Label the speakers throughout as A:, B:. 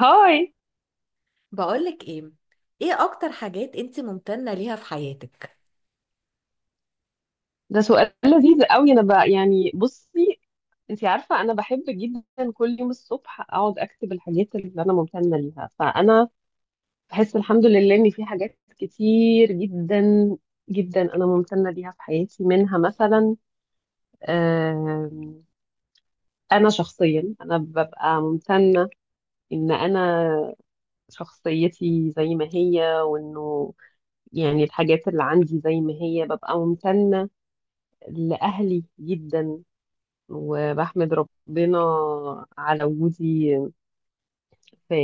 A: هاي.
B: بقولك ايه، ايه اكتر حاجات انت ممتنة ليها في حياتك؟
A: ده سؤال لذيذ قوي. انا بقى يعني بصي، انت عارفه انا بحب جدا كل يوم الصبح اقعد اكتب الحاجات اللي انا ممتنه ليها، فانا بحس الحمد لله ان في حاجات كتير جدا جدا انا ممتنه ليها في حياتي. منها مثلا آم، انا شخصيا انا ببقى ممتنه ان انا شخصيتي زي ما هي، وانه يعني الحاجات اللي عندي زي ما هي. ببقى ممتنه لاهلي جدا، وبحمد ربنا على وجودي. في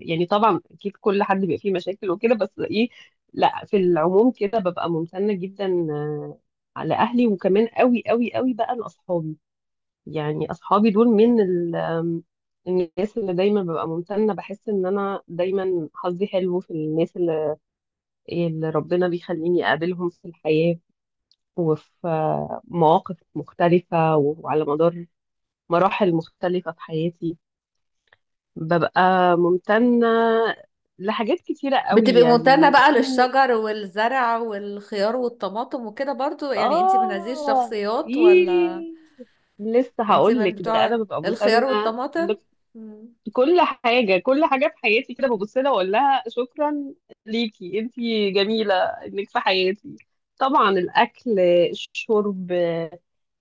A: يعني طبعا اكيد كل حد بيبقى فيه مشاكل وكده، بس ايه، لا في العموم كده ببقى ممتنة جدا على اهلي. وكمان قوي قوي قوي بقى لاصحابي، يعني اصحابي دول من ال- آم، الناس اللي دايما ببقى ممتنة. بحس ان انا دايما حظي حلو في الناس اللي ربنا بيخليني اقابلهم في الحياة، وفي مواقف مختلفة، وعلى مدار مراحل مختلفة في حياتي ببقى ممتنة لحاجات كتيرة قوي،
B: بتبقي
A: يعني
B: ممتنة بقى
A: ممتنة.
B: للشجر والزرع والخيار والطماطم وكده برضو، يعني انت من هذه
A: آه
B: الشخصيات
A: إيه،
B: ولا
A: لسه
B: انت
A: هقول
B: من
A: لك ده. أنا
B: بتوع
A: ببقى
B: الخيار
A: ممتنة
B: والطماطم؟ مم.
A: لكل حاجة، كل حاجة في حياتي كده ببص لها وأقول لها شكرا ليكي أنتي جميلة إنك في حياتي. طبعا الأكل، الشرب،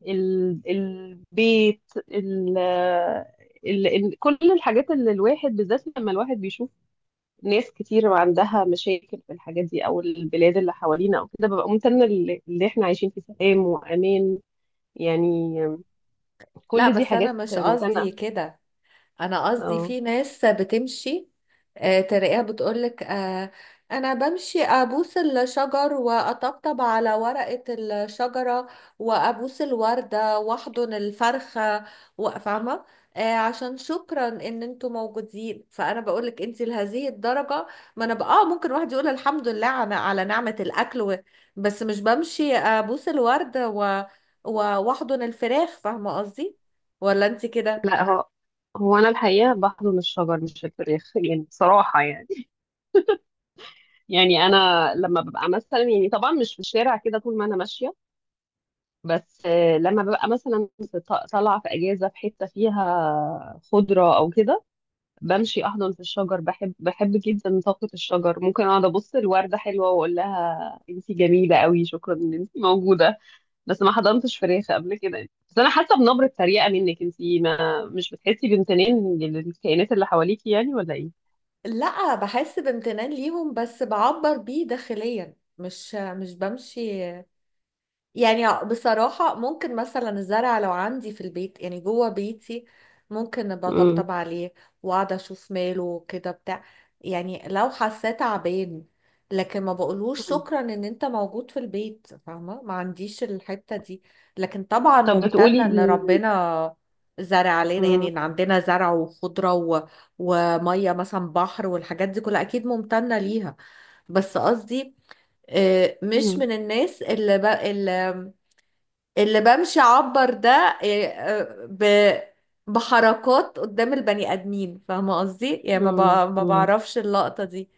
A: البيت، ال كل الحاجات اللي الواحد، بالذات لما الواحد بيشوف ناس كتير عندها مشاكل في الحاجات دي، او البلاد اللي حوالينا او كده، ببقى ممتنه اللي احنا عايشين في سلام وامان يعني.
B: لا،
A: كل دي
B: بس انا
A: حاجات
B: مش قصدي
A: ممتنه.
B: كده. انا قصدي
A: اه.
B: في ناس بتمشي تلاقيها بتقولك انا بمشي ابوس الشجر واطبطب على ورقة الشجرة، وابوس الوردة واحضن الفرخة فاهمة؟ عشان شكرا ان انتوا موجودين، فانا بقولك انت لهذه الدرجة؟ ما انا بقى ممكن واحد يقول الحمد لله على نعمة الاكل بس مش بمشي ابوس الوردة و- واحضن الفراخ، فاهمة قصدي؟ ولا انت كده؟
A: لا، هو انا الحقيقه بحضن الشجر مش الفراخ يعني بصراحه يعني، يعني انا لما ببقى مثلا، يعني طبعا مش في الشارع كده طول ما انا ماشيه، بس لما ببقى مثلا طالعه في اجازه في حته فيها خضره او كده، بمشي احضن في الشجر. بحب جدا طاقة الشجر. ممكن اقعد ابص الوردة حلوة واقول لها انتي جميلة قوي شكرا ان انتي موجودة. بس ما حضنتش فراخ قبل كده. بس انا حاسة بنبرة تريقة منك، انتي ما مش بتحسي بامتنان للكائنات اللي حواليكي يعني ولا ايه؟
B: لا، بحس بامتنان ليهم بس بعبر بيه داخليا، مش بمشي. يعني بصراحة، ممكن مثلا الزرع لو عندي في البيت، يعني جوه بيتي، ممكن
A: امم.
B: بطبطب عليه واقعد اشوف ماله كده بتاع، يعني لو حسيت تعبان. لكن ما بقولهوش شكرا ان انت موجود في البيت، فاهمة؟ ما عنديش الحتة دي. لكن طبعا
A: طب بتقولي
B: ممتنة ان
A: ال...
B: ربنا زرع علينا، يعني
A: مم.
B: ان عندنا زرع وخضرة ومية مثلا، بحر والحاجات دي كلها اكيد ممتنة ليها. بس قصدي مش
A: مم.
B: من الناس اللي, ب... اللي اللي بمشي اعبر ده إيه، آه، ب بحركات قدام البني ادمين، فاهمه قصدي؟ يعني
A: مم.
B: ما
A: مم.
B: بعرفش اللقطه دي،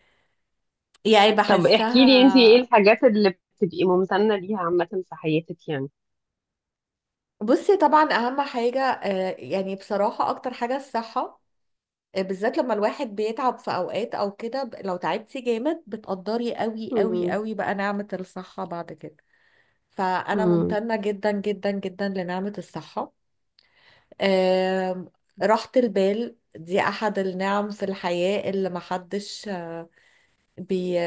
B: يعني
A: طب احكي لي انتي، ايه
B: بحسها.
A: الحاجات اللي بتبقي ممتنة ليها عامة في حياتك يعني؟
B: بصي، طبعا اهم حاجه يعني بصراحه اكتر حاجه الصحه. بالذات لما الواحد بيتعب في اوقات او كده، لو تعبتي جامد بتقدري قوي قوي
A: مم.
B: قوي بقى نعمه الصحه بعد كده. فانا
A: مم.
B: ممتنه جدا جدا جدا لنعمه الصحه. آم، راحة البال دي أحد النعم في الحياة اللي محدش بي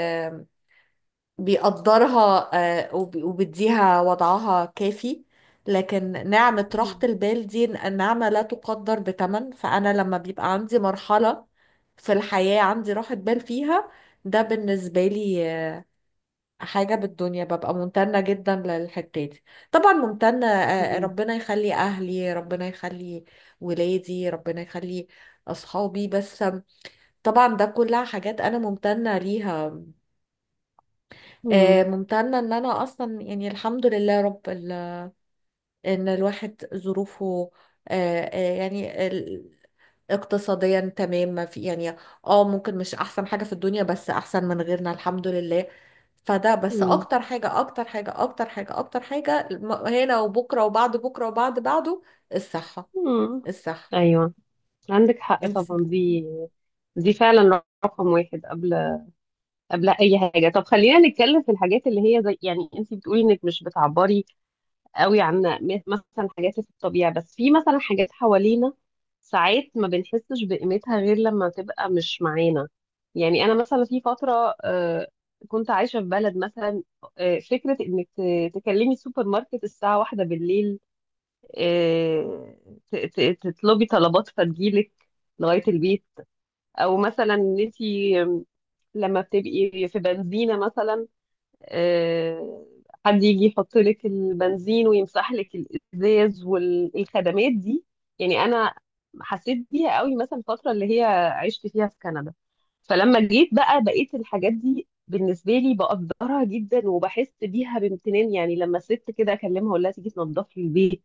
B: بيقدرها، وبيديها وضعها كافي. لكن نعمة راحة البال دي نعمة لا تقدر بثمن. فأنا لما بيبقى عندي مرحلة في الحياة عندي راحة بال فيها، ده بالنسبة لي حاجة بالدنيا ببقى ممتنة جدا للحتة دي. طبعا ممتنة،
A: مم.
B: ربنا يخلي أهلي، ربنا يخلي ولادي، ربنا يخلي أصحابي، بس طبعا ده كلها حاجات أنا ممتنة ليها.
A: مم.
B: ممتنة إن أنا أصلا يعني الحمد لله رب إن الواحد ظروفه آه، يعني اقتصاديا تمام، ما في يعني اه ممكن مش احسن حاجة في الدنيا بس احسن من غيرنا الحمد لله. فده بس،
A: مم.
B: اكتر حاجة اكتر حاجة اكتر حاجة اكتر حاجة هنا وبكرة وبعد بكرة وبعد بعده، الصحة،
A: مم.
B: الصحة.
A: ايوه، عندك حق
B: انت،
A: طبعا. دي، دي فعلا رقم واحد قبل قبل اي حاجه. طب خلينا نتكلم في الحاجات اللي هي زي، يعني انت بتقولي انك مش بتعبري قوي عن مثلا حاجات في الطبيعه، بس في مثلا حاجات حوالينا ساعات ما بنحسش بقيمتها غير لما تبقى مش معانا. يعني انا مثلا في فتره كنت عايشه في بلد، مثلا فكره انك تكلمي السوبر ماركت الساعه واحدة بالليل، آه، تطلبي طلبات فتجيلك لغاية البيت، او مثلا ان انتي لما بتبقي في بنزينة مثلا آه، حد يجي يحط لك البنزين ويمسح لك الازاز والخدمات دي. يعني انا حسيت بيها قوي مثلا الفترة اللي هي عشت فيها في كندا. فلما جيت بقى بقيت الحاجات دي بالنسبة لي بقدرها جدا وبحس بيها بامتنان، يعني لما الست كده اكلمها اقول لها تيجي تنضف لي البيت،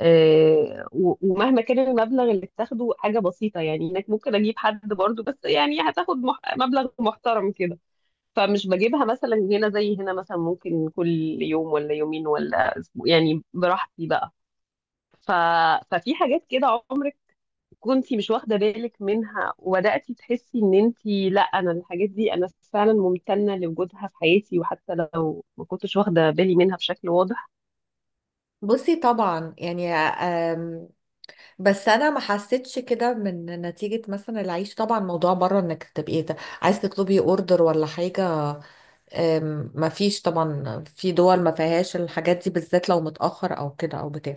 A: ومهما كان المبلغ اللي بتاخده حاجة بسيطة. يعني هناك ممكن أجيب حد برضو، بس يعني هتاخد مح... مبلغ محترم كده، فمش بجيبها مثلا. هنا زي هنا مثلا ممكن كل يوم ولا يومين ولا أسبوع يعني، براحتي بقى. ف... ففي حاجات كده عمرك كنتي مش واخدة بالك منها، وبدأتي تحسي إن أنتي لا، أنا الحاجات دي أنا فعلا ممتنة لوجودها في حياتي، وحتى لو ما كنتش واخدة بالي منها بشكل واضح.
B: بصي طبعا يعني بس انا ما حسيتش كده من نتيجة مثلا العيش. طبعا موضوع بره انك تبقي عايز تطلبي اوردر ولا حاجة، مفيش طبعا في دول ما فيهاش الحاجات دي، بالذات لو متأخر او كده او بتاع.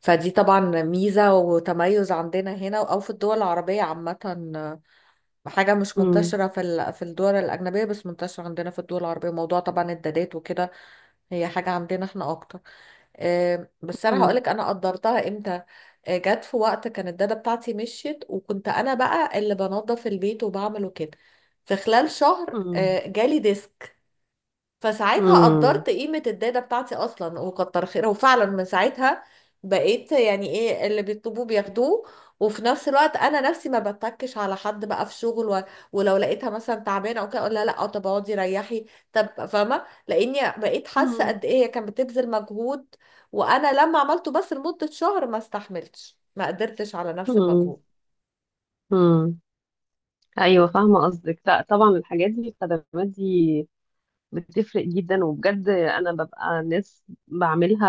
B: فدي طبعا ميزة وتميز عندنا هنا او في الدول العربية عامة، حاجة مش
A: مم.
B: منتشرة في الدول الأجنبية بس منتشرة عندنا في الدول العربية. موضوع طبعا الدادات وكده، هي حاجة عندنا احنا اكتر. بس انا
A: مم.
B: هقولك انا قدرتها امتى. جت في وقت كان الدادة بتاعتي مشيت وكنت انا بقى اللي بنظف البيت وبعمله كده. في خلال شهر جالي ديسك، فساعتها
A: مم.
B: قدرت قيمة الداتا بتاعتي أصلا وكتر خيرها. وفعلا من ساعتها بقيت يعني إيه، اللي بيطلبوه بياخدوه. وفي نفس الوقت أنا نفسي ما بتكش على حد بقى في شغل ولو لقيتها مثلا تعبانة أو كده أقول لها لأ طب اقعدي ريحي، طب، فاهمة؟ لأني بقيت حاسة
A: مم.
B: قد إيه هي كانت بتبذل مجهود. وأنا لما عملته بس لمدة شهر ما استحملتش، ما قدرتش على نفس
A: امم.
B: المجهود.
A: امم. ايوه فاهمه قصدك. لا طبعا الحاجات دي الخدمات دي بتفرق جدا، وبجد انا ببقى ناس بعملها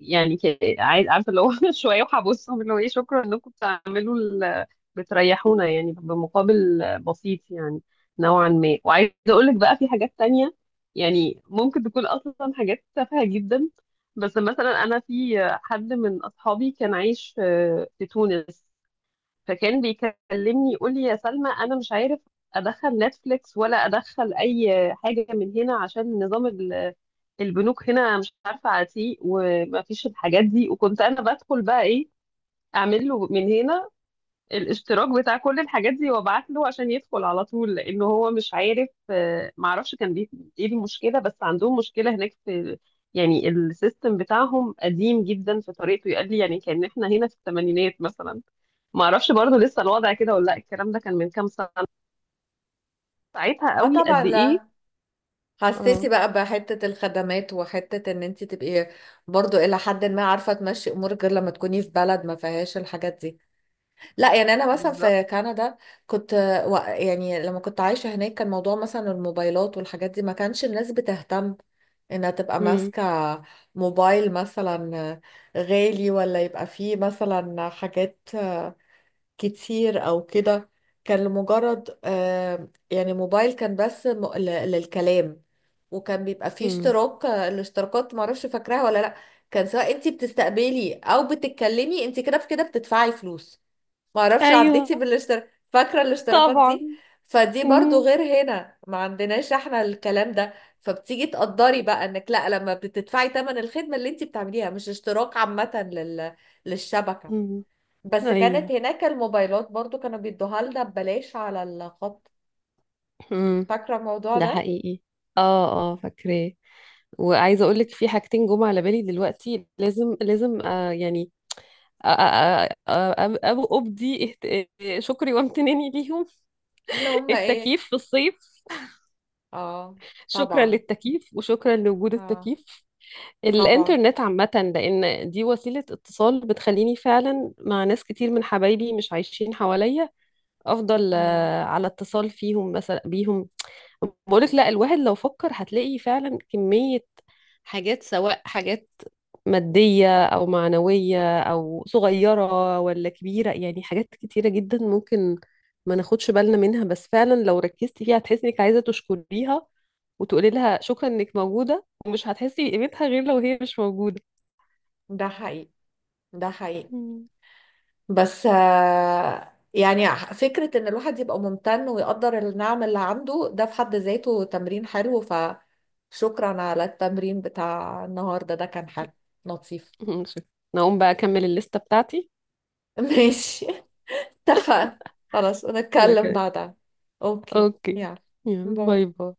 A: يعني، عايز عارفه اللي هو شويه وهبصهم اللي هو ايه شكرا انكم بتعملوا بتريحونا يعني بمقابل بسيط يعني نوعا ما. وعايزه اقول لك بقى في حاجات تانية يعني ممكن تكون اصلا حاجات تافهه جدا. بس مثلا انا في حد من اصحابي كان عايش في تونس، فكان بيكلمني يقول لي يا سلمى انا مش عارف ادخل نتفليكس ولا ادخل اي حاجه من هنا عشان نظام البنوك هنا مش عارفه عتيق وما فيش الحاجات دي. وكنت انا بدخل بقى، ايه، اعمل له من هنا الاشتراك بتاع كل الحاجات دي وابعت له عشان يدخل على طول، لانه هو مش عارف معرفش كان ايه المشكله. بس عندهم مشكله هناك في يعني السيستم بتاعهم قديم جدا في طريقته. يقال لي يعني كان احنا هنا في الثمانينات مثلا، ما اعرفش برضو لسه الوضع كده ولا لا، الكلام ده كان من كام سنة، ساعتها
B: اه
A: قوي
B: طبعا،
A: قد ايه.
B: لا، حسيتي
A: اه
B: بقى بحتة الخدمات وحتة ان انت تبقي برضو الى حد ما عارفة تمشي امورك غير لما تكوني في بلد ما فيهاش الحاجات دي. لا، يعني انا مثلا
A: بالظبط.
B: في كندا كنت يعني لما كنت عايشة هناك كان موضوع مثلا الموبايلات والحاجات دي، ما كانش الناس بتهتم انها تبقى
A: مم.
B: ماسكة موبايل مثلا غالي ولا يبقى فيه مثلا حاجات كتير او كده. كان لمجرد يعني موبايل كان بس للكلام. وكان بيبقى فيه
A: مم.
B: اشتراك، الاشتراكات معرفش فاكراها ولا لا. كان سواء انت بتستقبلي او بتتكلمي انت كده بكده بتدفعي فلوس. معرفش عديتي
A: ايوه
B: بالاشتراك، فاكرة الاشتراكات
A: طبعا.
B: دي؟ فدي برضو
A: مم.
B: غير هنا، ما عندناش احنا الكلام ده. فبتيجي تقدري بقى انك لا، لما بتدفعي تمن الخدمة اللي انت بتعمليها مش اشتراك عامة للشبكة.
A: مم.
B: بس كانت
A: ايوه.
B: هناك الموبايلات برضو كانوا بيدوها لنا ببلاش على الخط،
A: مم.
B: فاكرة الموضوع
A: ده
B: ده؟
A: حقيقي. اه اه فاكراه. وعايزه اقول لك في حاجتين جم على بالي دلوقتي لازم لازم آه يعني أ- أ- أ- أ- أبدي شكري وامتناني ليهم.
B: اللي هم ايه؟
A: التكييف في الصيف.
B: اه
A: شكرا
B: طبعا.
A: للتكييف وشكرا لوجود
B: اه
A: التكييف.
B: طبعا.
A: الإنترنت عامة، لأن دي وسيلة اتصال بتخليني فعلا مع ناس كتير من حبايبي مش عايشين حواليا أفضل
B: مم.
A: على اتصال فيهم، مثلا بيهم. بقولك لا الواحد لو فكر هتلاقي فعلا كمية حاجات، سواء حاجات مادية أو معنوية أو صغيرة ولا كبيرة، يعني حاجات كتيرة جدا ممكن ما ناخدش بالنا منها، بس فعلا لو ركزتي فيها هتحسي إنك عايزة تشكريها وتقولي لها شكرا إنك موجودة، ومش هتحسي بقيمتها غير لو هي مش موجودة.
B: ده حقيقي. ده حقيقي.
A: مم.
B: بس يعني فكرة ان الواحد يبقى ممتن ويقدر النعم اللي عنده، ده في حد ذاته تمرين حلو. فشكرا على التمرين بتاع النهاردة، ده كان حلو، لطيف.
A: شكراً. نقوم بقى أكمل الليستة بتاعتي
B: ماشي، اتفقنا. خلاص، ونتكلم
A: وكده.
B: بعدها. اوكي.
A: أوكي.
B: يلا
A: يلا باي
B: باي.
A: باي.